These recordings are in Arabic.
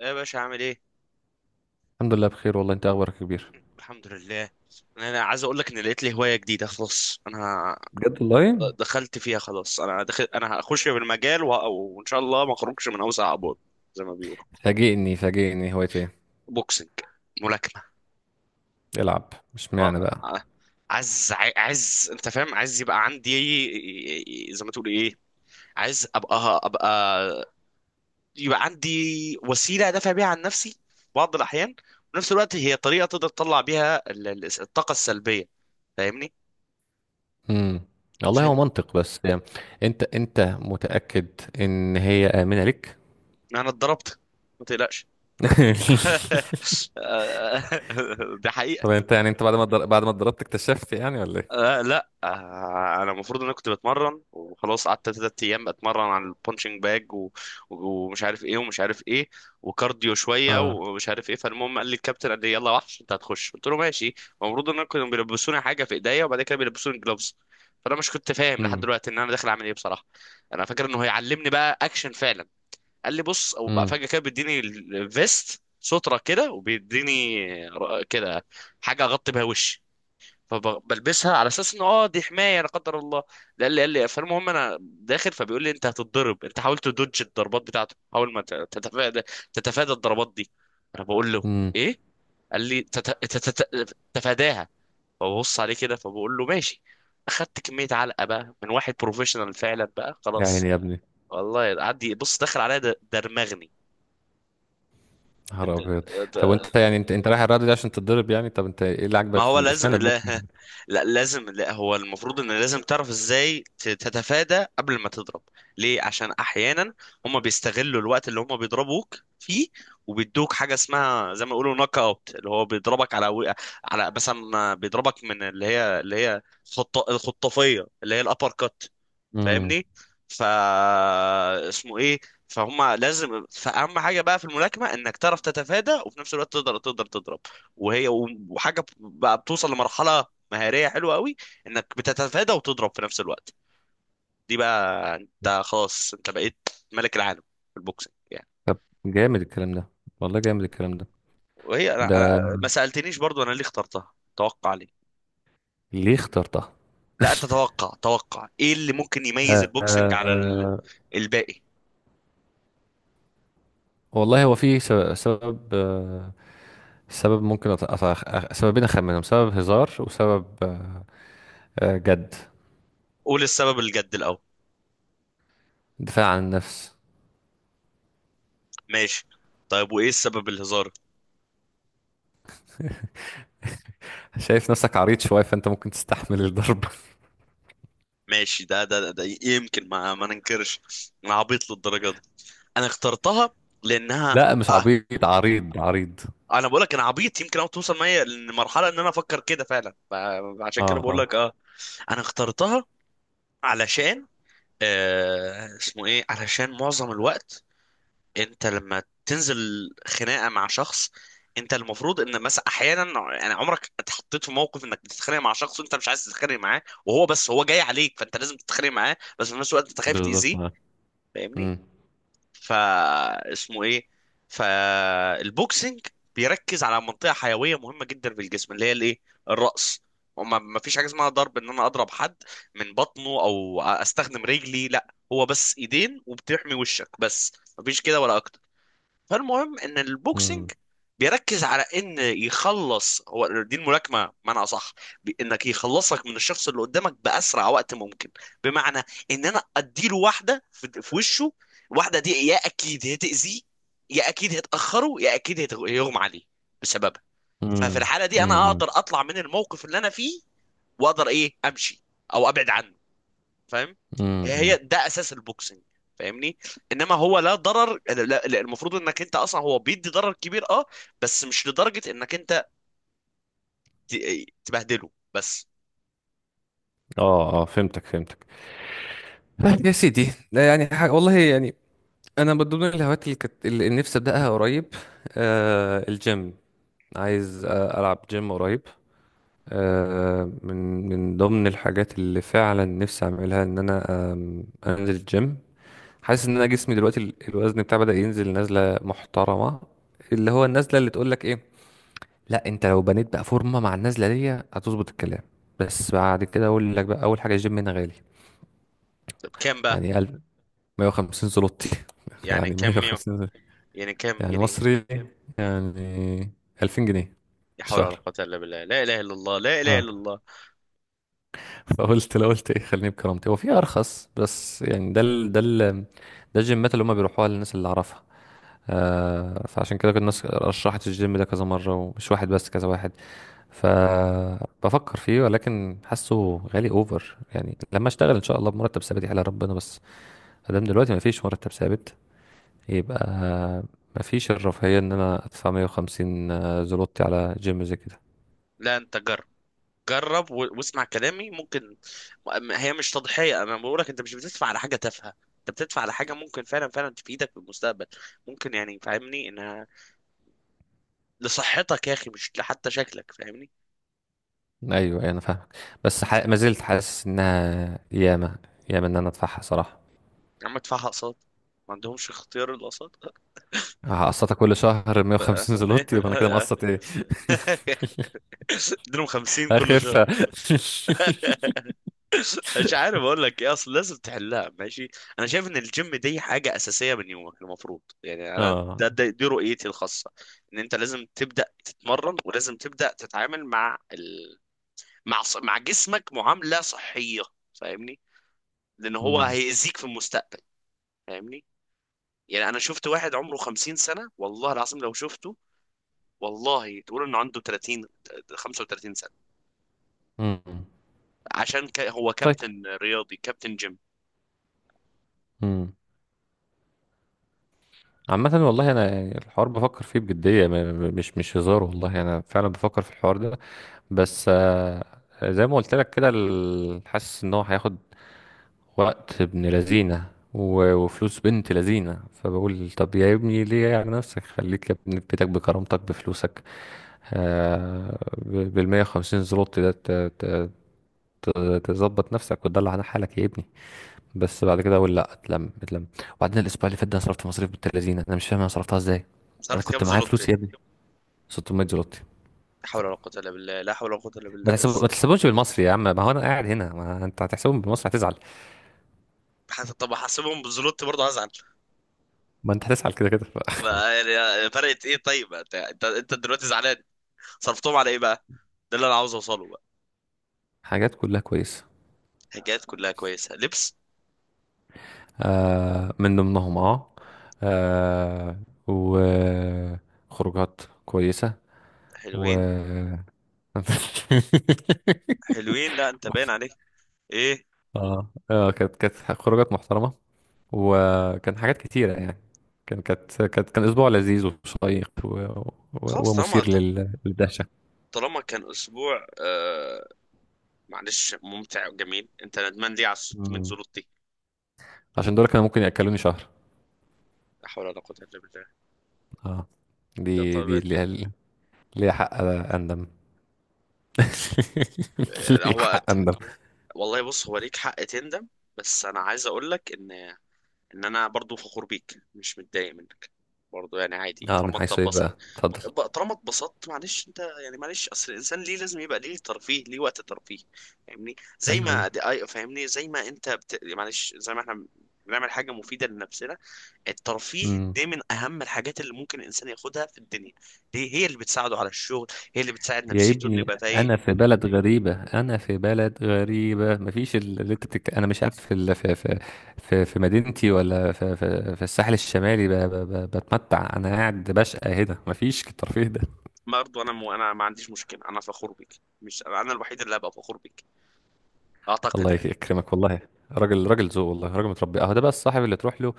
ايه يا باشا؟ عامل ايه؟ الحمد لله بخير والله، انت اخبارك يا كبير؟ الحمد لله. أنا عايز اقول لك ان لقيت لي هوايه جديده خلاص. بجد والله. دخلت فيها خلاص. انا هخش في المجال وان شاء الله ما اخرجش من اوسع ابواب، زي ما بيقولوا. فاجئني فاجئني، هواية ايه؟ بوكسنج، ملاكمه. العب مش معنى آه، بقى. آه، عايز عايز، انت فاهم، عايز يبقى عندي زي ما تقول ايه، عايز ابقى، يبقى عندي وسيله ادافع بيها عن نفسي في بعض الاحيان، وفي نفس الوقت هي طريقه تقدر تطلع بيها الطاقه السلبيه، فاهمني؟ امم. والله هو منطق بس يعني. انت متأكد ان هي آمنة لك؟ انا اتضربت، ما تقلقش. ده طب حقيقة. انت يعني انت بعد ما بعد ما اتضربت اكتشفت يعني ولا ايه؟ آه، لا، آه، انا المفروض ان انا كنت بتمرن وخلاص، قعدت تلات ايام بتمرن على البونشنج باج ومش عارف ايه ومش عارف ايه وكارديو شوية اه. ومش عارف ايه. فالمهم قال لي الكابتن، قال لي يلا وحش انت هتخش، قلت له ماشي. المفروض ان انا كانوا بيلبسوني حاجة في ايديا، وبعد كده بيلبسوني جلوفز، فانا مش كنت فاهم لحد امم دلوقتي ان انا داخل اعمل ايه بصراحة. انا فاكر انه هيعلمني بقى اكشن فعلا. قال لي بص، او بقى امم فجاه كده بيديني الفيست، ستره كده، وبيديني كده حاجه اغطي بيها وشي، فبلبسها على اساس ان دي حمايه لا قدر الله. قال لي فالمهم انا داخل، فبيقول لي انت هتتضرب، انت حاول تدوج الضربات بتاعته، حاول ما تتفادى الضربات دي. انا بقول له امم ايه؟ قال لي تتفاداها. فببص عليه كده، فبقول له ماشي. اخدت كميه علقه بقى من واحد بروفيشنال فعلا بقى يا عيني خلاص. يا ابني. والله عدي، بص، دخل عليا درمغني. نهار د- ابيض. طب د- وانت يعني انت رايح الرياضه دي عشان تتضرب يعني؟ طب انت ايه اللي ما عاجبك في هو لازم اشمعنى البوكسنج؟ لا, لا لازم لا، هو المفروض ان لازم تعرف ازاي تتفادى قبل ما تضرب. ليه؟ عشان احيانا هم بيستغلوا الوقت اللي هم بيضربوك فيه، وبيدوك حاجه اسمها زي ما يقولوا نوك اوت، اللي هو بيضربك على على مثلا، بيضربك من اللي هي الخطافيه اللي هي الابر كات، امم. فاهمني؟ فا اسمه ايه فهم، لازم فاهم حاجه بقى في الملاكمه، انك تعرف تتفادى وفي نفس الوقت تقدر تضرب. وهي، وحاجه بقى بتوصل لمرحله مهاريه حلوه قوي، انك بتتفادى وتضرب في نفس الوقت، دي بقى انت خلاص انت بقيت ملك العالم في البوكسنج يعني. طب، جامد الكلام ده، والله جامد الكلام ده. وهي ده ما سالتنيش برضو انا ليه اخترتها. توقع ليه؟ ليه اخترتها؟ لا انت توقع ايه اللي ممكن يميز آه، البوكسنج آه، على آه. الباقي. والله هو في سبب، سبب ممكن سببين أخمنهم، سبب هزار وسبب آه جد. قول السبب الجد الاول. دفاع عن النفس. ماشي. طيب وايه السبب الهزار؟ شايف نفسك عريض شوية فأنت ممكن تستحمل الضرب. ماشي. ده يمكن، ما ننكرش، انا عبيط للدرجه دي، انا اخترتها لانها لا مش اه عبيط، عريض عريض. انا بقول لك انا عبيط يمكن، او توصل معايا لمرحله ان انا افكر كده فعلا. عشان كده اه بقول اه لك، انا اخترتها علشان آه اسمه ايه علشان معظم الوقت انت لما تنزل خناقه مع شخص، انت المفروض ان مثلا احيانا، يعني، عمرك اتحطيت في موقف انك بتتخانق مع شخص وانت مش عايز تتخانق معاه، وهو بس هو جاي عليك، فانت لازم تتخانق معاه، بس في نفس الوقت انت خايف بالظبط تاذيه، اه. فاهمني؟ امم فا اسمه ايه فالبوكسنج بيركز على منطقه حيويه مهمه جدا في الجسم اللي هي الايه، الراس. وما ما فيش حاجه اسمها ضرب ان انا اضرب حد من بطنه او استخدم رجلي، لا، هو بس ايدين وبتحمي وشك بس، مفيش كده ولا اكتر. فالمهم ان البوكسنج امم بيركز على ان يخلص، هو دي الملاكمه بمعنى اصح، انك يخلصك من الشخص اللي قدامك باسرع وقت ممكن. بمعنى ان انا اديله واحده في وشه، واحده دي يا اكيد هتاذيه، يا اكيد هتاخره، يا اكيد هيغمى عليه بسببها. ففي امم الحاله دي انا امم اقدر اطلع من الموقف اللي انا فيه، واقدر ايه، امشي او ابعد عنه، فاهم؟ هي امم ده اساس البوكسنج، فاهمني؟ انما هو لا ضرر، لا، لا، المفروض انك انت، اصلا هو بيدي ضرر كبير اه، بس مش لدرجة انك انت تبهدله بس. اه اه فهمتك فهمتك. طيب يا سيدي، لا يعني حاجة والله يعني. انا من ضمن الهوايات اللي كانت اللي نفسي ابداها قريب آه الجيم. عايز ألعب جيم قريب. من من ضمن الحاجات اللي فعلا نفسي أعملها إن أنا أنزل الجيم. حاسس إن أنا جسمي دلوقتي الوزن بتاعي بدأ ينزل نزلة محترمة، اللي هو النزلة اللي تقولك إيه، لا أنت لو بنيت بقى فورمة مع النزلة دي هتظبط الكلام. بس بعد كده أقول لك بقى، أول حاجة الجيم هنا غالي. طب كام بقى؟ يعني ألف 150 زلوتي، يعني يعني كام ميو؟ 150 زلوتي. يعني كام يعني جنيه؟ مصري، يعني 2000 جنيه لا في حول ولا الشهر. قوة الا بالله، لا اله الا الله، لا اله اه، الا الله. فقلت لو قلت ايه خليني بكرامتي. هو في ارخص بس يعني، ده ال ده الجيمات اللي هم بيروحوها للناس اللي اعرفها. آه فعشان كده كنت الناس رشحت الجيم ده كذا مره، ومش واحد بس كذا واحد. فبفكر فيه ولكن حاسه غالي اوفر، يعني لما اشتغل ان شاء الله بمرتب ثابت يحلى ربنا. بس ادام دلوقتي ما فيش مرتب ثابت يبقى ما فيش الرفاهيه ان انا ادفع 150 زلوتي على جيم زي كده. لا، انت جرب، جرب واسمع كلامي. ممكن هي مش تضحية، انا بقول لك انت مش بتدفع على حاجة تافهة، انت بتدفع على حاجة ممكن فعلا فعلا تفيدك في المستقبل، ممكن، يعني فاهمني، ان لصحتك يا اخي، مش لحتى شكلك، فاهمني؟ ايوه أيوة، انا فاهمك. بس ما زلت حاسس انها ياما ياما ان انا ادفعها صراحه. يا عم ادفعها اقساط. ما عندهمش اختيار الاقساط. هقسطها كل شهر 150 زلوت، يبقى انا كده مقسط ايه؟ اديلهم 50 كل اخف شهر. مش عارف اقول لك ايه، اصل لازم تحلها ماشي. انا شايف ان الجيم دي حاجه اساسيه من يومك المفروض، يعني انا، اه، ده دي رؤيتي الخاصه، ان انت لازم تبدا تتمرن، ولازم تبدا تتعامل مع مع مع جسمك معامله صحيه، فاهمني؟ لان هو أمم، هيأذيك في المستقبل، فاهمني؟ يعني انا شفت واحد عمره 50 سنة، والله العظيم لو شفته والله تقول انه عنده 30، 35 سنة. أمم. عشان هو طيب، كابتن رياضي، كابتن جيم. أمم. عامة والله أنا الحوار بفكر فيه بجدية، مش هزار، والله أنا فعلا بفكر في الحوار ده. بس زي ما قلت لك كده حاسس إن هو هياخد وقت ابن لذينة وفلوس بنت لذينة. فبقول طب يا ابني ليه؟ يعني نفسك خليك يا ابني في بيتك بكرامتك بفلوسك، بالمية وخمسين زلوت ده ت- تظبط نفسك وتدلع على حالك يا ابني. بس بعد كده اقول لا، اتلم اتلم. وبعدين الاسبوع اللي فات ده انا صرفت مصاريف بنت لذينة، انا مش فاهم انا صرفتها ازاي. انا صرفت كام كنت معايا زلوتي؟ فلوس يا ابني، 600 زلوتي. لا حول ولا قوة إلا بالله، لا حول ولا قوة إلا بالله. ما تحسبهمش بالمصري يا عم، ما هو انا قاعد هنا. ما انت هتحسبهم بالمصري هتزعل، طب احسبهم بالزلوتي برضه هزعل. ما انت هتزعل كده كده. يعني فرقت ايه؟ طيب انت أنت دلوقتي زعلان؟ صرفتهم على ايه بقى؟ ده اللي انا عاوز اوصله بقى. حاجات كلها كويسة. حاجات كلها كويسة؟ لبس؟ آه من ضمنهم اه، آه، وخروجات كويسة و حلوين. حلوين؟ لا انت باين عليك ايه. اه اه كانت كانت خروجات محترمة، وكان حاجات كتيرة يعني. كان كان أسبوع لذيذ وشيق خلاص، طالما، ومثير للدهشة. طالما كان اسبوع معلش ممتع وجميل، انت ندمان ليه على 600 مم. زلط دي؟ عشان دول كانوا ممكن يأكلوني شهر. لا حول ولا قوة الا بالله. اه لا دي طب، دي ليها، ليها حق أندم. لا ليها هو، حق أندم. والله بص هو ليك حق تندم، بس انا عايز اقول لك ان، ان انا برضو فخور بيك، مش متضايق منك، برضو يعني عادي اه، من طالما انت حيث ايه اتبسطت. بقى؟ اتفضل. طالما اتبسطت معلش، انت يعني، معلش، اصل الانسان ليه لازم يبقى ليه ترفيه، ليه وقت ترفيه، فاهمني؟ زي ايوه ما ايوه. دي اي، فاهمني، زي ما انت معلش، زي ما احنا بنعمل حاجة مفيدة لنفسنا، الترفيه امم. ده من اهم الحاجات اللي ممكن الانسان ياخدها في الدنيا. دي هي اللي بتساعده على الشغل، هي اللي بتساعد يا نفسيته انه ابني يبقى فايق. انا في بلد غريبه، انا في بلد غريبه، مفيش ال- اللي انت بتك... انا مش عارف في مدينتي ولا في الساحل الشمالي بتمتع. انا قاعد بشقى هنا مفيش الترفيه ده. برضه انا ما عنديش مشكله، انا فخور بيك، مش انا الوحيد اللي هبقى فخور بيك الله اعتقد، يعني. يكرمك والله. راجل راجل ذوق، والله راجل متربي. اهو ده بقى الصاحب اللي تروح له،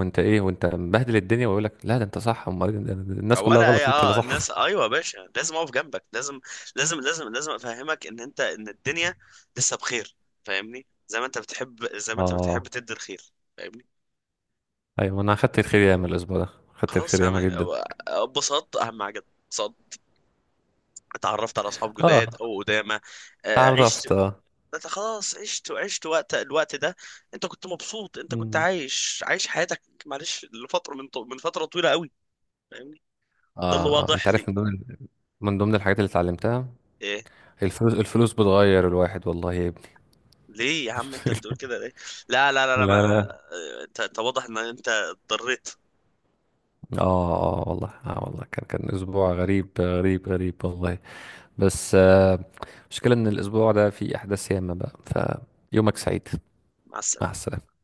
وانت ايه وانت مبهدل الدنيا ويقول لك لا ده انت صح، امال إيه؟ الناس كلها ولا اي، غلط انت اللي اه صح. الناس، ايوه يا باشا، لازم اقف جنبك، لازم، لازم، لازم، لازم افهمك ان انت، ان الدنيا لسه بخير، فاهمني؟ زي ما انت بتحب، اه، تدي الخير، فاهمني؟ ايوه انا اخدت الخير ياما الاسبوع ده. اخدت خلاص الخير يا عم، ياما جدا. اتبسطت، اهم حاجه اتبسطت، اتعرفت على اصحاب اه، جداد او قدامى، عشت. اتعرفت اه. انت خلاص عشت، وعشت وقت، الوقت ده انت كنت مبسوط، انت كنت مم. عايش، عايش حياتك معلش لفتره من من فتره طويله قوي، فاهمني؟ ده اللي آه انت واضح لي. عارف من ضمن، من ضمن الحاجات اللي اتعلمتها، ايه؟ الفلوس الفلوس بتغير الواحد والله يا ابني. ليه يا عم انت بتقول كده ليه؟ لا لا لا لا، ما... لا لا. اه، انت واضح ان انت اضطريت. اه اه والله اه والله كان كان اسبوع غريب غريب غريب والله. بس المشكلة، آه المشكلة ان الاسبوع ده فيه احداث ياما بقى. فيومك سعيد. مع مع السلامه. السلامة